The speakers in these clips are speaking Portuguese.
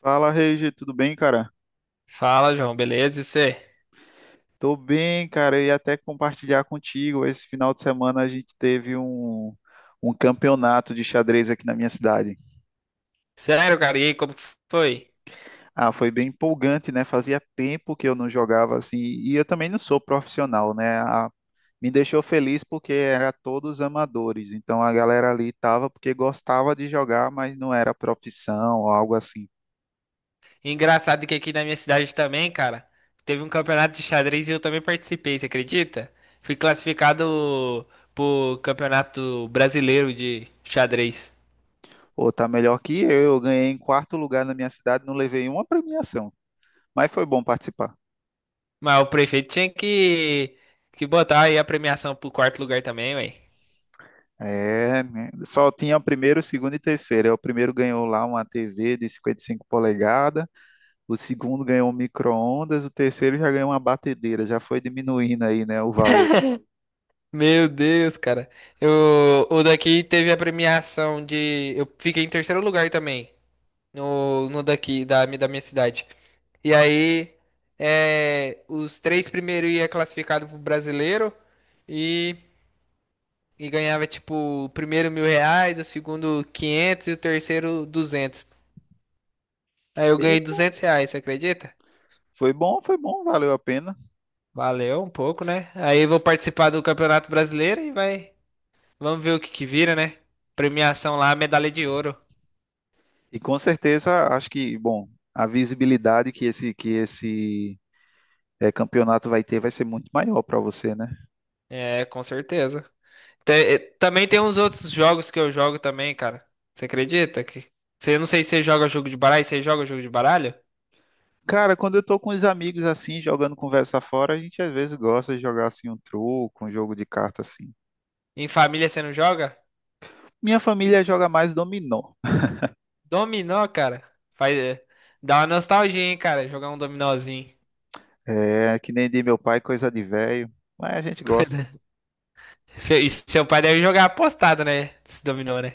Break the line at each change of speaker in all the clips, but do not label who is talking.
Fala, Regi, tudo bem, cara?
Fala, João, beleza? E você?
Tô bem, cara. Eu ia até compartilhar contigo. Esse final de semana a gente teve um campeonato de xadrez aqui na minha cidade.
Sério, cara, e aí, como que foi?
Ah, foi bem empolgante, né? Fazia tempo que eu não jogava assim. E eu também não sou profissional, né? Me deixou feliz porque era todos amadores. Então a galera ali tava porque gostava de jogar, mas não era profissão ou algo assim.
Engraçado que aqui na minha cidade também, cara, teve um campeonato de xadrez e eu também participei, você acredita? Fui classificado pro Campeonato Brasileiro de Xadrez.
Ou tá melhor que eu. Eu ganhei em quarto lugar na minha cidade, não levei uma premiação. Mas foi bom participar.
Mas o prefeito tinha que botar aí a premiação pro quarto lugar também, ué.
É, né? Só tinha o primeiro, o segundo e o terceiro. Aí o primeiro ganhou lá uma TV de 55 polegadas, o segundo ganhou um micro-ondas, o terceiro já ganhou uma batedeira, já foi diminuindo aí, né, o valor.
Meu Deus, cara. O daqui teve a premiação de. Eu fiquei em terceiro lugar também. No daqui, da minha cidade. E aí, os três primeiros ia classificado pro brasileiro e, e ganhava, tipo, o primeiro R$ 1.000, o segundo 500 e o terceiro 200. Aí eu
E
ganhei R$ 200, você acredita?
foi bom, valeu a pena.
Valeu um pouco, né? Aí eu vou participar do Campeonato Brasileiro e vai. Vamos ver o que que vira, né? Premiação lá, medalha de ouro.
E com certeza, acho que, bom, a visibilidade que esse campeonato vai ter vai ser muito maior para você, né?
É, com certeza. Também tem uns outros jogos que eu jogo também, cara. Você acredita que? Eu não sei se você joga jogo de baralho, você joga jogo de baralho?
Cara, quando eu tô com os amigos assim, jogando conversa fora, a gente às vezes gosta de jogar assim um truco, um jogo de carta assim.
Em família você não joga?
Minha família joga mais dominó.
Dominó, cara. Faz, é, Dá uma nostalgia, hein, cara, jogar um dominózinho.
É, que nem de meu pai, coisa de velho. Mas a gente gosta.
Coisa- e seu pai deve jogar apostado, né? Esse dominó, né?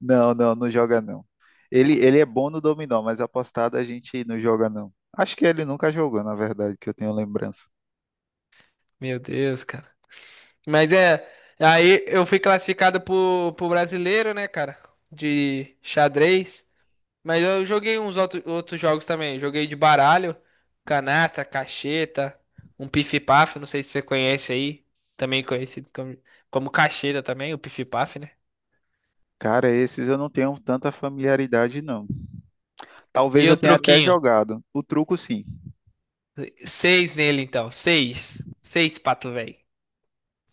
Não, não, não joga não. Ele é bom no dominó, mas apostado a gente não joga não. Acho que ele nunca jogou, na verdade, que eu tenho lembrança.
Meu Deus, cara. Mas é. Aí eu fui classificado pro brasileiro, né, cara? De xadrez. Mas eu joguei uns outros jogos também. Joguei de baralho, canastra, cacheta, um pif-paf, não sei se você conhece aí. Também conhecido como cacheta também, o pif-paf, né?
Cara, esses eu não tenho tanta familiaridade não. Talvez
E
eu
um
tenha até
truquinho.
jogado. O truco sim.
Seis nele, então. Seis. Seis, pato, velho.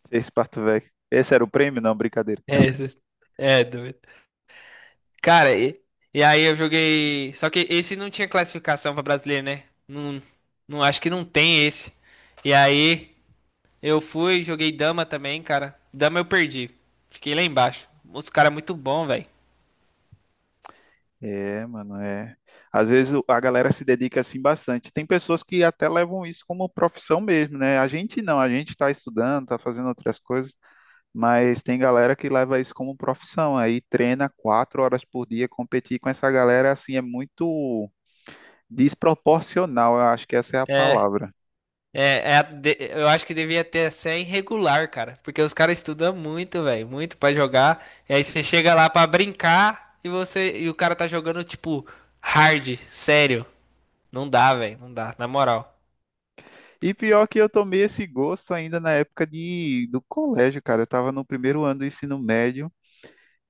Esse parto velho. Esse era o prêmio? Não, brincadeira.
É, é doido. Cara, e aí eu joguei. Só que esse não tinha classificação pra brasileiro, né? Não, não acho que não tem esse. E aí eu joguei dama também, cara. Dama eu perdi. Fiquei lá embaixo. Os caras muito bom, velho.
É, mano, é. Às vezes a galera se dedica assim bastante. Tem pessoas que até levam isso como profissão mesmo, né? A gente não, a gente tá estudando, tá fazendo outras coisas. Mas tem galera que leva isso como profissão, aí treina 4 horas por dia, competir com essa galera assim é muito desproporcional, eu acho que essa é a palavra.
É a eu acho que devia ter ser irregular, cara. Porque os caras estudam muito, velho. Muito pra jogar. E aí você chega lá pra brincar e você e o cara tá jogando, tipo, hard, sério. Não dá, velho. Não dá, na moral.
E pior que eu tomei esse gosto ainda na época de, do colégio, cara. Eu estava no primeiro ano do ensino médio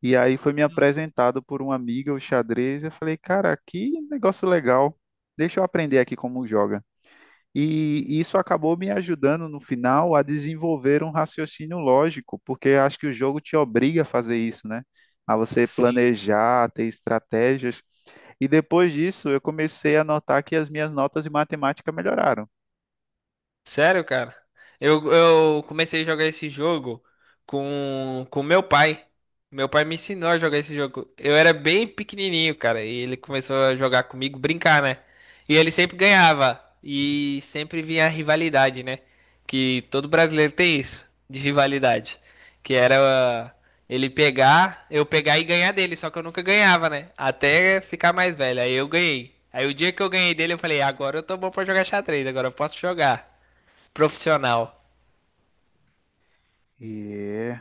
e aí foi me apresentado por uma amiga o xadrez. Eu falei, cara, que negócio legal. Deixa eu aprender aqui como joga. E isso acabou me ajudando no final a desenvolver um raciocínio lógico, porque acho que o jogo te obriga a fazer isso, né? A você
Sim.
planejar, ter estratégias. E depois disso, eu comecei a notar que as minhas notas de matemática melhoraram.
Sério, cara? Eu comecei a jogar esse jogo com meu pai. Meu pai me ensinou a jogar esse jogo. Eu era bem pequenininho, cara, e ele começou a jogar comigo, brincar, né? E ele sempre ganhava e sempre vinha a rivalidade, né? Que todo brasileiro tem isso de rivalidade, que era ah, ele pegar, eu pegar e ganhar dele, só que eu nunca ganhava, né? Até ficar mais velho. Aí eu ganhei. Aí o dia que eu ganhei dele, eu falei: "Agora eu tô bom pra jogar xadrez, agora eu posso jogar". Profissional.
E,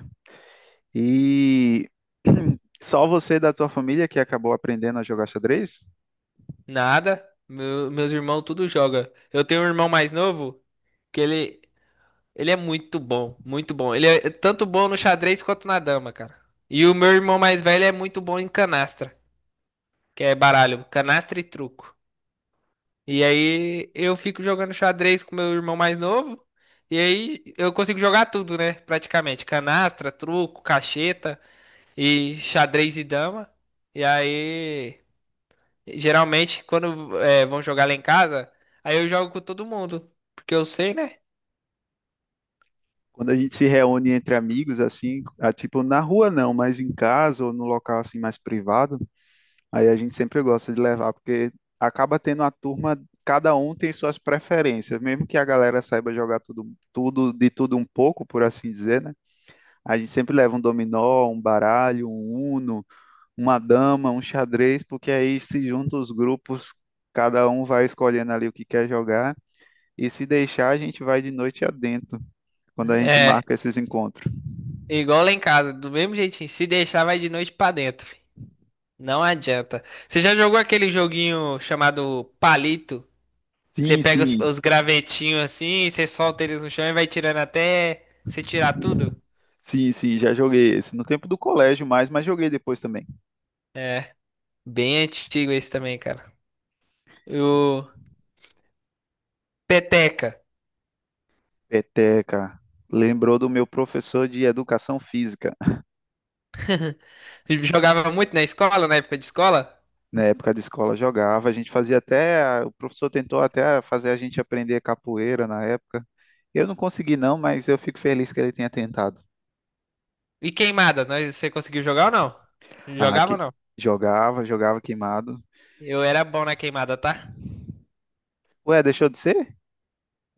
e só você da tua família que acabou aprendendo a jogar xadrez?
Nada. Meus irmãos tudo joga. Eu tenho um irmão mais novo que ele é muito bom, muito bom. Ele é tanto bom no xadrez quanto na dama, cara. E o meu irmão mais velho é muito bom em canastra, que é baralho, canastra e truco. E aí eu fico jogando xadrez com meu irmão mais novo, e aí eu consigo jogar tudo, né? Praticamente, canastra, truco, cacheta e xadrez e dama. E aí Geralmente, quando é, vão jogar lá em casa, aí eu jogo com todo mundo. Porque eu sei, né?
Quando a gente se reúne entre amigos, assim, ah, tipo, na rua não, mas em casa ou no local assim mais privado, aí a gente sempre gosta de levar, porque acaba tendo a turma, cada um tem suas preferências, mesmo que a galera saiba jogar tudo, tudo de tudo um pouco, por assim dizer, né? A gente sempre leva um dominó, um baralho, um uno, uma dama, um xadrez, porque aí se juntam os grupos, cada um vai escolhendo ali o que quer jogar, e se deixar, a gente vai de noite adentro, quando a gente
É,
marca esses encontros.
igual lá em casa, do mesmo jeitinho. Se deixar, vai de noite pra dentro. Fi. Não adianta. Você já jogou aquele joguinho chamado palito? Você
Sim,
pega os,
sim.
os gravetinhos assim, você solta eles no chão e vai tirando até você tirar tudo?
Sim, sim, já joguei esse no tempo do colégio mais, mas joguei depois também.
É, bem antigo esse também, cara. O peteca.
Peteca. Lembrou do meu professor de educação física.
Eu jogava muito na escola, na época de escola.
Na época de escola jogava, a gente fazia até, o professor tentou até fazer a gente aprender capoeira na época. Eu não consegui não, mas eu fico feliz que ele tenha tentado.
E queimada, você conseguiu jogar ou não?
Ah,
Jogava
que
ou não?
jogava, jogava queimado.
Eu era bom na queimada, tá?
Ué, deixou de ser?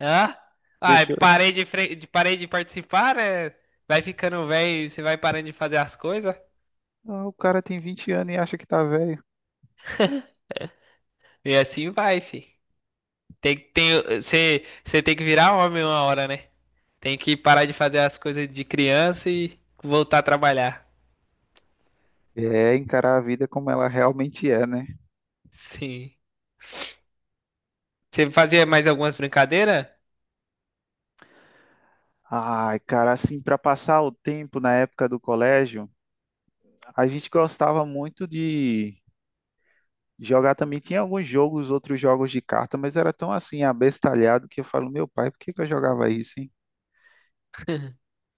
Hã? Ai,
Deixou.
parei de participar, né? Vai ficando velho, você vai parando de fazer as coisas.
Ah, o cara tem 20 anos e acha que tá velho.
E assim vai, fi. Você tem que virar homem uma hora, né? Tem que parar de fazer as coisas de criança e voltar a trabalhar.
É encarar a vida como ela realmente é, né?
Sim. Você fazia mais algumas brincadeiras?
Ai, cara, assim, para passar o tempo na época do colégio, a gente gostava muito de jogar também. Tinha alguns jogos, outros jogos de carta, mas era tão assim, abestalhado que eu falo, meu pai, por que que eu jogava isso, hein?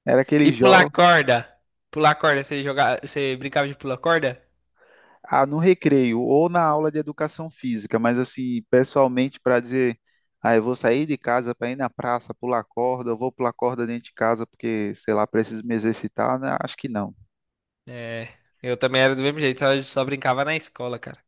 Era aquele
E pular
jogo,
corda? Pular corda, você brincava de pular corda?
ah, no recreio ou na aula de educação física, mas assim, pessoalmente para dizer, ah, eu vou sair de casa para ir na praça pular corda, eu vou pular corda dentro de casa porque, sei lá, preciso me exercitar, né? Acho que não.
É, eu também era do mesmo jeito, só brincava na escola, cara.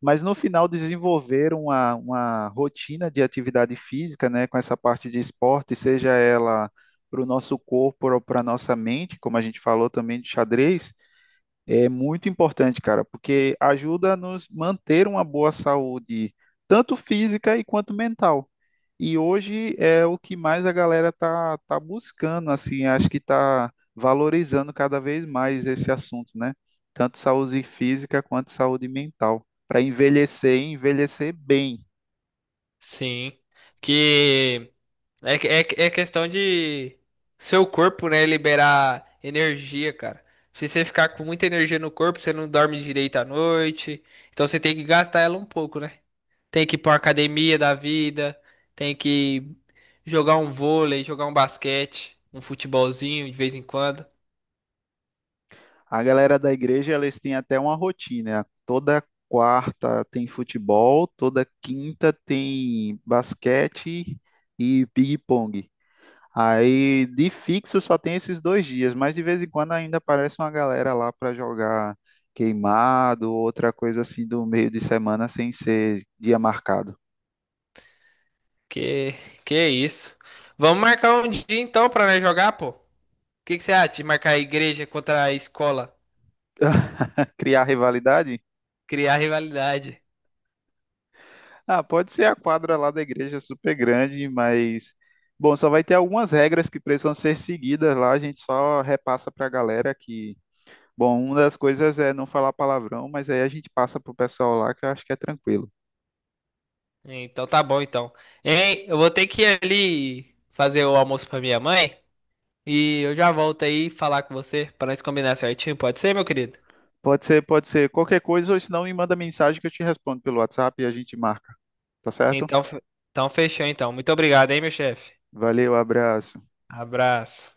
Mas no final desenvolveram uma rotina de atividade física, né, com essa parte de esporte, seja ela para o nosso corpo ou para a nossa mente, como a gente falou também de xadrez, é muito importante, cara, porque ajuda a nos manter uma boa saúde, tanto física e quanto mental. E hoje é o que mais a galera tá buscando, assim, acho que tá valorizando cada vez mais esse assunto, né? Tanto saúde física quanto saúde mental, para envelhecer e envelhecer bem.
Sim. Que é questão de seu corpo, né, liberar energia, cara. Se você ficar com muita energia no corpo, você não dorme direito à noite. Então você tem que gastar ela um pouco, né? Tem que ir pra uma academia da vida, tem que jogar um vôlei, jogar um basquete, um futebolzinho de vez em quando.
A galera da igreja, eles têm até uma rotina. Né? Toda quarta tem futebol, toda quinta tem basquete e ping-pong. Aí, de fixo, só tem esses dois dias, mas de vez em quando ainda aparece uma galera lá para jogar queimado, outra coisa assim do meio de semana sem ser dia marcado.
Que que é isso? Vamos marcar um dia então pra nós jogar, pô. O que que você acha de marcar a igreja contra a escola?
Criar rivalidade?
Criar rivalidade.
Ah, pode ser a quadra lá da igreja super grande, mas bom, só vai ter algumas regras que precisam ser seguidas lá, a gente só repassa para a galera que, bom, uma das coisas é não falar palavrão, mas aí a gente passa pro pessoal lá que eu acho que é tranquilo.
Então tá bom, então. Hein, eu vou ter que ir ali fazer o almoço pra minha mãe e eu já volto aí falar com você pra nós combinar certinho, pode ser, meu querido?
Pode ser qualquer coisa, ou se não me manda mensagem que eu te respondo pelo WhatsApp e a gente marca, tá certo?
Então, fe- então fechou, então. Muito obrigado, hein, meu chefe.
Valeu, abraço.
Abraço.